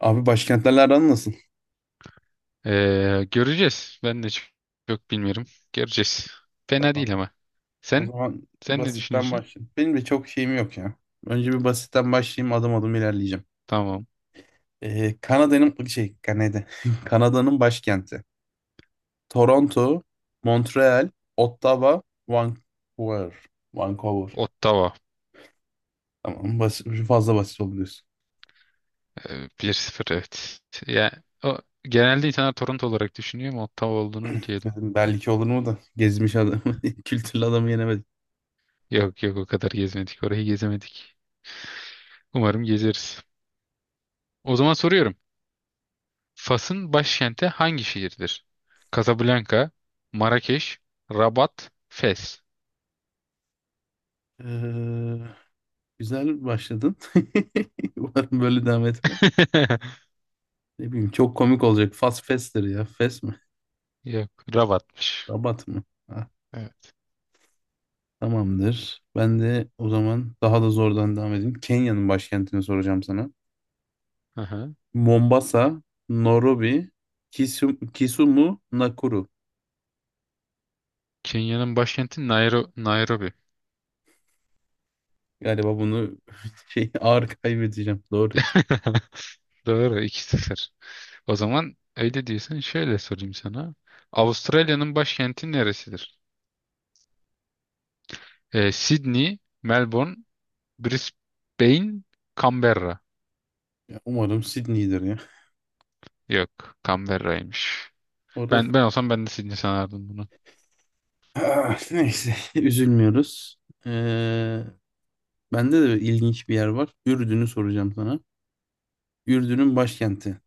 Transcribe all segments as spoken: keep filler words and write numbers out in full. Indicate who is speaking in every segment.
Speaker 1: Abi başkentlerle aran nasıl?
Speaker 2: Ee, göreceğiz. Ben de çok, çok bilmiyorum. Göreceğiz. Fena
Speaker 1: Tamam.
Speaker 2: değil ama.
Speaker 1: O
Speaker 2: Sen?
Speaker 1: zaman
Speaker 2: Sen ne
Speaker 1: basitten
Speaker 2: düşünüyorsun?
Speaker 1: başlayayım. Benim de çok şeyim yok ya. Önce bir basitten başlayayım adım adım ilerleyeceğim.
Speaker 2: Tamam.
Speaker 1: Ee, Kanada'nın şey Kanada. Kanada'nın başkenti. Toronto, Montreal, Ottawa, Vancouver. Vancouver.
Speaker 2: Ottawa.
Speaker 1: Tamam basit, fazla basit oldu diyorsun.
Speaker 2: Ee, bir sıfır, evet. Ya, o, genelde insanlar Toronto olarak düşünüyor ama Ottawa olduğunu biliyordum.
Speaker 1: Dedim, belki olur mu da gezmiş adam. Kültürlü adamı yenemedim.
Speaker 2: Yok yok, o kadar gezmedik. Orayı gezemedik. Umarım gezeriz. O zaman soruyorum. Fas'ın başkenti hangi şehirdir? Casablanca, Marrakeş, Rabat, Fes.
Speaker 1: Ee, güzel başladın. Umarım böyle devam etmez. Ne bileyim çok komik olacak. Fast Fester ya. Fest
Speaker 2: Yok, Rabat'mış.
Speaker 1: Rabat mı? Ha,
Speaker 2: Evet.
Speaker 1: tamamdır. Ben de o zaman daha da zordan devam edeyim. Kenya'nın başkentini soracağım sana.
Speaker 2: Aha.
Speaker 1: Mombasa, Nairobi, Kisum- Kisumu, Nakuru.
Speaker 2: Kenya'nın başkenti Nairo Nairobi.
Speaker 1: Galiba bunu şey ağır kaybedeceğim. Doğru.
Speaker 2: Doğru, iki sıfır. O zaman öyle diyorsan şöyle sorayım sana. Avustralya'nın başkenti neresidir? Ee, Sydney, Melbourne, Brisbane, Canberra.
Speaker 1: Ya, umarım Sydney'dir ya.
Speaker 2: Yok, Canberra'ymış.
Speaker 1: Orada
Speaker 2: Ben ben olsam ben de Sydney sanardım bunu.
Speaker 1: Ah, neyse üzülmüyoruz. Ee, bende de ilginç bir yer var. Ürdün'ü soracağım sana. Ürdün'ün başkenti.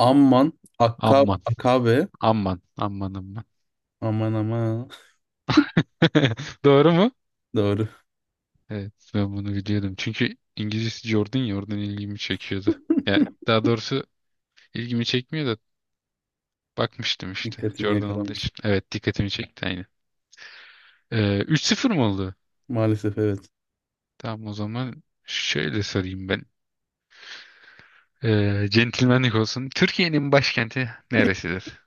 Speaker 1: Amman, Akka,
Speaker 2: Amman,
Speaker 1: Akabe.
Speaker 2: amman, amman, amman.
Speaker 1: Aman aman.
Speaker 2: Doğru mu?
Speaker 1: Doğru.
Speaker 2: Evet, ben bunu biliyordum. Çünkü İngilizcesi Jordan ya, oradan ilgimi çekiyordu. Yani daha doğrusu ilgimi çekmiyor da bakmıştım işte.
Speaker 1: Dikkatini
Speaker 2: Jordan olduğu
Speaker 1: yakalamış.
Speaker 2: için. Evet, dikkatimi çekti aynı. Ee, üç sıfır mı oldu?
Speaker 1: Maalesef evet.
Speaker 2: Tamam, o zaman şöyle sorayım ben. Ee, centilmenlik olsun. Türkiye'nin başkenti neresidir?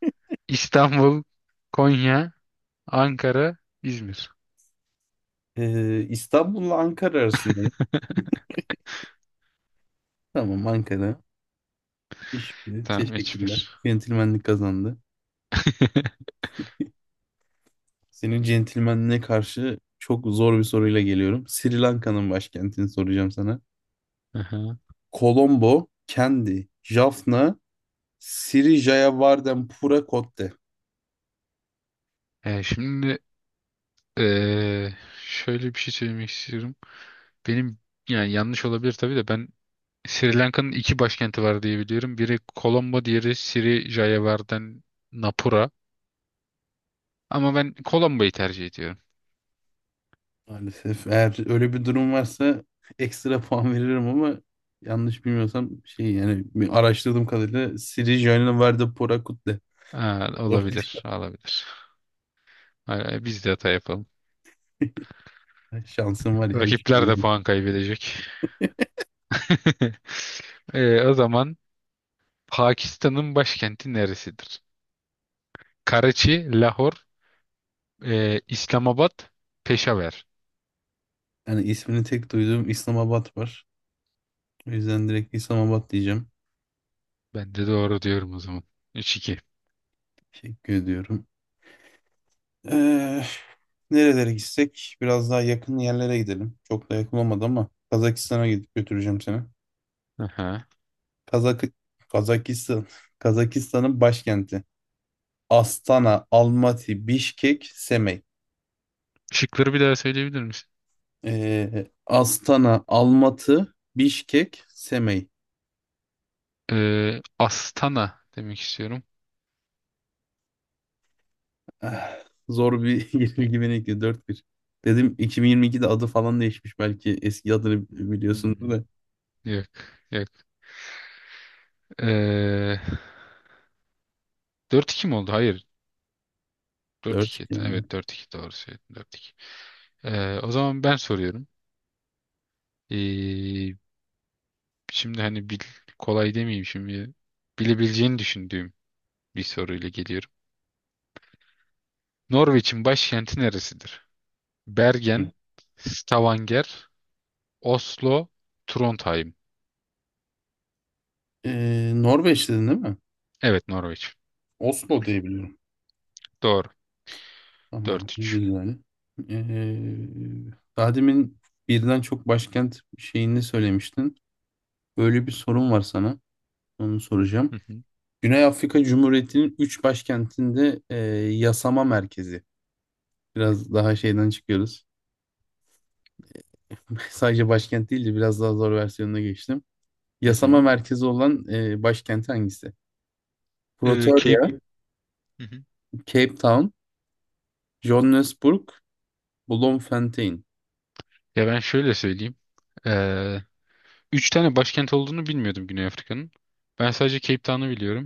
Speaker 2: İstanbul, Konya, Ankara, İzmir.
Speaker 1: Ee, İstanbul'la Ankara arasındayım. Tamam Ankara. Teşekkür-
Speaker 2: Tamam,
Speaker 1: Teşekkürler.
Speaker 2: hiçbir.
Speaker 1: Centilmenlik kazandı. Senin centilmenliğe karşı çok zor bir soruyla geliyorum. Sri Lanka'nın başkentini soracağım sana.
Speaker 2: Aha.
Speaker 1: Colombo, Kendi, Jaffna, Sri Jayawardenepura Kotte.
Speaker 2: Ee, şimdi ee, şöyle bir şey söylemek istiyorum. Benim, yani yanlış olabilir tabii de ben, Sri Lanka'nın iki başkenti var diye biliyorum. Biri Colombo, diğeri Sri Jayawardenepura. Napura. Ama ben Colombo'yu tercih ediyorum.
Speaker 1: Maalesef eğer öyle bir durum varsa ekstra puan veririm ama yanlış bilmiyorsam şey yani bir araştırdığım kadarıyla Sri Jayawardenepura Kotte.
Speaker 2: Ha,
Speaker 1: Doğru.
Speaker 2: olabilir, olabilir. Ha, biz de hata yapalım.
Speaker 1: Şansım var ya üç
Speaker 2: Rakipler de
Speaker 1: milyon.
Speaker 2: puan kaybedecek. Ee, o zaman Pakistan'ın başkenti neresidir? Karachi, Lahor, e, İslamabad, Peşaver.
Speaker 1: Yani ismini tek duyduğum İslamabad var. O yüzden direkt İslamabad diyeceğim.
Speaker 2: Ben de doğru diyorum o zaman. Üç iki.
Speaker 1: Teşekkür ediyorum. Ee, nerelere gitsek? Biraz daha yakın yerlere gidelim. Çok da yakın olmadı ama Kazakistan'a gidip götüreceğim seni.
Speaker 2: Aha.
Speaker 1: Kazak Kazakistan Kazakistan'ın başkenti. Astana, Almaty, Bişkek, Semey.
Speaker 2: Şıkları bir daha söyleyebilir misin?
Speaker 1: Ee, Astana, Almatı, Bişkek, Semey.
Speaker 2: Ee, Astana demek istiyorum.
Speaker 1: Eh, zor bir yenilgi beni bekliyor. dört bir. Dedim iki bin yirmi ikide adı falan değişmiş belki. Eski adını biliyorsundur
Speaker 2: Hmm.
Speaker 1: da.
Speaker 2: Yok. Yok. Ee, dört iki mi oldu? Hayır. Dört
Speaker 1: Dört
Speaker 2: iki.
Speaker 1: iki yani.
Speaker 2: Evet, dört iki, doğru söyledin. Dört iki. Ee, o zaman ben soruyorum. Ee, Şimdi hani bil, kolay demeyeyim şimdi. Bilebileceğini düşündüğüm bir soruyla geliyorum. Norveç'in başkenti neresidir?
Speaker 1: Hı.
Speaker 2: Bergen, Stavanger, Oslo, Trondheim.
Speaker 1: Ee, Norveç dedin değil mi?
Speaker 2: Evet, Norveç.
Speaker 1: Oslo diye biliyorum.
Speaker 2: Doğru.
Speaker 1: Tamam.
Speaker 2: Dört
Speaker 1: Ne
Speaker 2: üç.
Speaker 1: güzel. Ee, daha demin birden çok başkent şeyini söylemiştin. Böyle bir sorum var sana. Onu soracağım.
Speaker 2: Hı hı.
Speaker 1: Güney Afrika Cumhuriyeti'nin üç başkentinde e, yasama merkezi. Biraz daha şeyden çıkıyoruz. Sadece başkent değil de biraz daha zor versiyonuna geçtim.
Speaker 2: Hı
Speaker 1: Yasama
Speaker 2: hı.
Speaker 1: merkezi olan e, başkenti hangisi?
Speaker 2: Ee, Cape...
Speaker 1: Pretoria,
Speaker 2: Hı hı.
Speaker 1: Cape Town, Johannesburg, Bloemfontein.
Speaker 2: Ya ben şöyle söyleyeyim. Üç tane başkent olduğunu bilmiyordum Güney Afrika'nın. Ben sadece Cape Town'u biliyorum.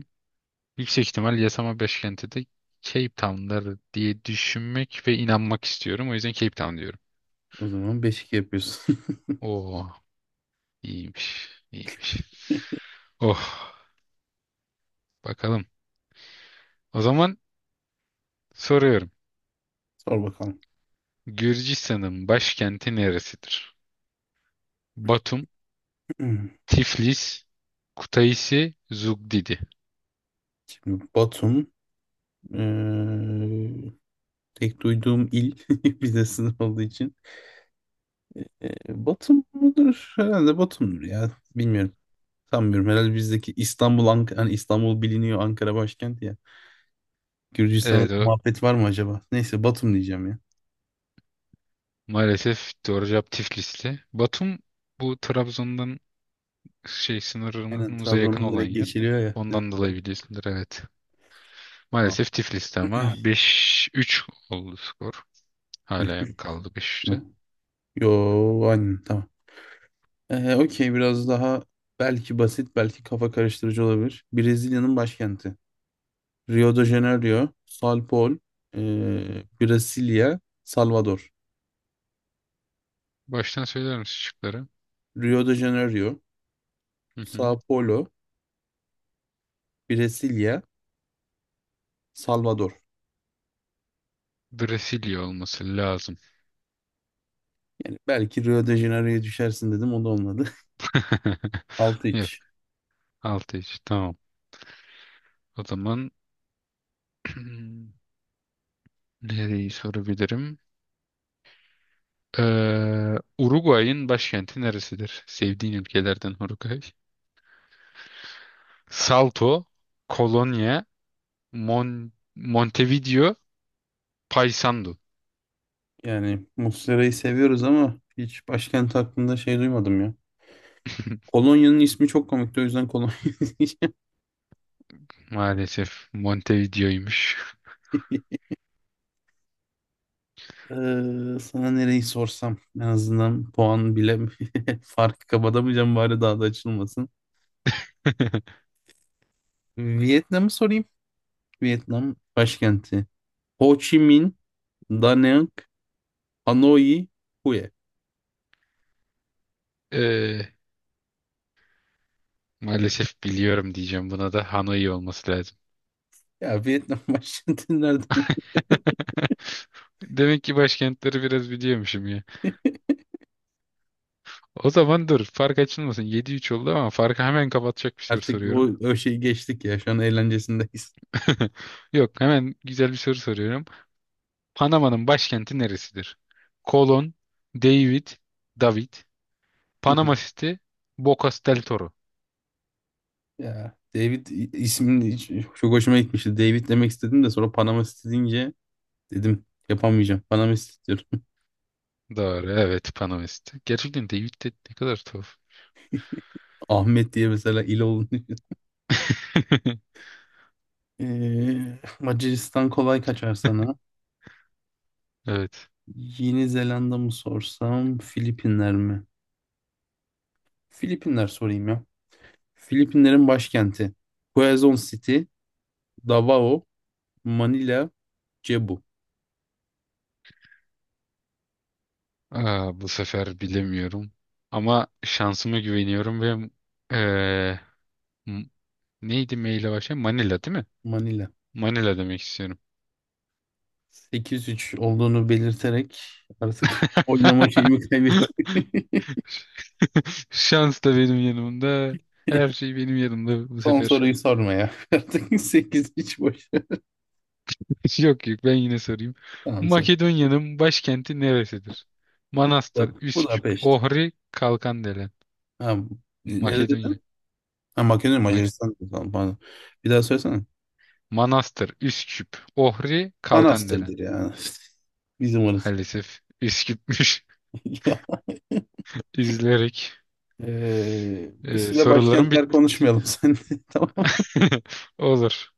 Speaker 2: Yüksek ihtimal yasama başkenti de Cape Town'dır diye düşünmek ve inanmak istiyorum. O yüzden Cape Town diyorum.
Speaker 1: O zaman beş iki yapıyorsun.
Speaker 2: Oo, iyiymiş, iyiymiş. Oh, bakalım. O zaman soruyorum.
Speaker 1: Sor bakalım.
Speaker 2: Gürcistan'ın başkenti neresidir? Batum,
Speaker 1: Hmm.
Speaker 2: Tiflis, Kutaisi, Zugdidi.
Speaker 1: Şimdi Batum eee, tek duyduğum il bir de sınır olduğu için. Eee, Batum mudur? Herhalde Batum'dur ya. Bilmiyorum. Sanmıyorum. Herhalde bizdeki İstanbul, Ank hani İstanbul biliniyor Ankara başkenti ya. Gürcistan'da
Speaker 2: Evet, o
Speaker 1: muhabbet var mı acaba? Neyse Batum diyeceğim ya.
Speaker 2: maalesef doğru cevap Tiflis'ti. Batum, bu Trabzon'dan şey
Speaker 1: Aynen
Speaker 2: sınırımıza yakın
Speaker 1: Trabzon'dan
Speaker 2: olan
Speaker 1: direkt
Speaker 2: yer.
Speaker 1: geçiliyor ya. Dedim,
Speaker 2: Ondan dolayı biliyorsundur, evet.
Speaker 1: Batum.
Speaker 2: Maalesef Tiflis'te, ama beş üç oldu skor. Hala
Speaker 1: beş yüz
Speaker 2: kaldı beş üçte.
Speaker 1: mü? Yo aynen tamam. Ee, okey biraz daha belki basit belki kafa karıştırıcı olabilir. Brezilya'nın başkenti. Rio de Janeiro, São Paulo, ee, Brasilia, Salvador.
Speaker 2: Baştan söyler misin şıkları?
Speaker 1: Rio de Janeiro,
Speaker 2: Hı hı.
Speaker 1: São Paulo, Brasilia, Salvador.
Speaker 2: Brezilya olması lazım.
Speaker 1: Yani belki Rio de Janeiro'ya düşersin dedim o da olmadı. Altı
Speaker 2: Yok,
Speaker 1: iç.
Speaker 2: altı üç, tamam. O zaman nereyi sorabilirim? Ee, Uruguay'ın başkenti neresidir? Sevdiğin ülkelerden Uruguay. Salto, Kolonya, Mon Montevideo, Paysandu.
Speaker 1: Yani Muslera'yı seviyoruz ama hiç başkent hakkında şey duymadım ya. Kolonya'nın ismi çok komikti o yüzden Kolonya diyeceğim.
Speaker 2: Maalesef Montevideo'ymuş.
Speaker 1: Ee, sana nereyi sorsam en azından puan bile farkı kapatamayacağım bari daha da açılmasın. Vietnam'ı sorayım. Vietnam başkenti. Ho Chi Minh, Da Nang, Hanoi, Hue.
Speaker 2: Ee, Maalesef biliyorum diyeceğim, buna da Hanoi olması lazım.
Speaker 1: Ya Vietnam başkenti nerede?
Speaker 2: Demek ki başkentleri biraz biliyormuşum ya. O zaman dur, fark açılmasın. Yedi üç oldu, ama farkı hemen kapatacak bir soru
Speaker 1: Artık o,
Speaker 2: soruyorum.
Speaker 1: o şeyi geçtik ya. Şu an eğlencesindeyiz.
Speaker 2: Yok, hemen güzel bir soru soruyorum. Panama'nın başkenti neresidir? Kolon, David, David, Panama City, Bocas del Toro.
Speaker 1: Ya David i- ismini hiç- çok hoşuma gitmişti. David demek istedim de sonra Panama City deyince dedim yapamayacağım. Panama City diyorum.
Speaker 2: Doğru, evet, Panama City. Gerçekten David de ne kadar tuhaf.
Speaker 1: Ahmet diye mesela il oldu. Ee, Macaristan kolay kaçar sana.
Speaker 2: Evet.
Speaker 1: Yeni Zelanda mı sorsam, Filipinler mi? Filipinler sorayım ya. Filipinlerin başkenti. Quezon City, Davao, Manila, Cebu.
Speaker 2: Aa, bu sefer bilemiyorum. Ama şansıma güveniyorum ve eee, m- neydi maille başlayan? Manila değil mi?
Speaker 1: Manila.
Speaker 2: Manila demek istiyorum.
Speaker 1: Sekiz üç olduğunu belirterek artık oynama şeyimi kaybettim.
Speaker 2: Şans da benim yanımda. Her şey benim yanımda bu
Speaker 1: Son
Speaker 2: sefer.
Speaker 1: soruyu sorma ya. Artık sekiz üç boş ver.
Speaker 2: Yok yok, ben yine sorayım.
Speaker 1: Tamam sor.
Speaker 2: Makedonya'nın başkenti neresidir?
Speaker 1: Bak,
Speaker 2: Manastır, Üsküp,
Speaker 1: Budapest.
Speaker 2: Ohri, Kalkandelen.
Speaker 1: Ha, nerede
Speaker 2: Makedonya.
Speaker 1: dedin? Ha, Makedonya,
Speaker 2: Ma-
Speaker 1: Macaristan. Tamam, pardon. Bir daha söylesene.
Speaker 2: Manastır, Üsküp, Ohri, Kalkandelen.
Speaker 1: Manastır'dır yani. Bizim orası.
Speaker 2: Maalesef iş gitmiş. İzleyerek
Speaker 1: Eee, bir
Speaker 2: e,
Speaker 1: süre
Speaker 2: sorularım
Speaker 1: başkentler
Speaker 2: bitti.
Speaker 1: konuşmayalım sen. Tamam.
Speaker 2: Olur.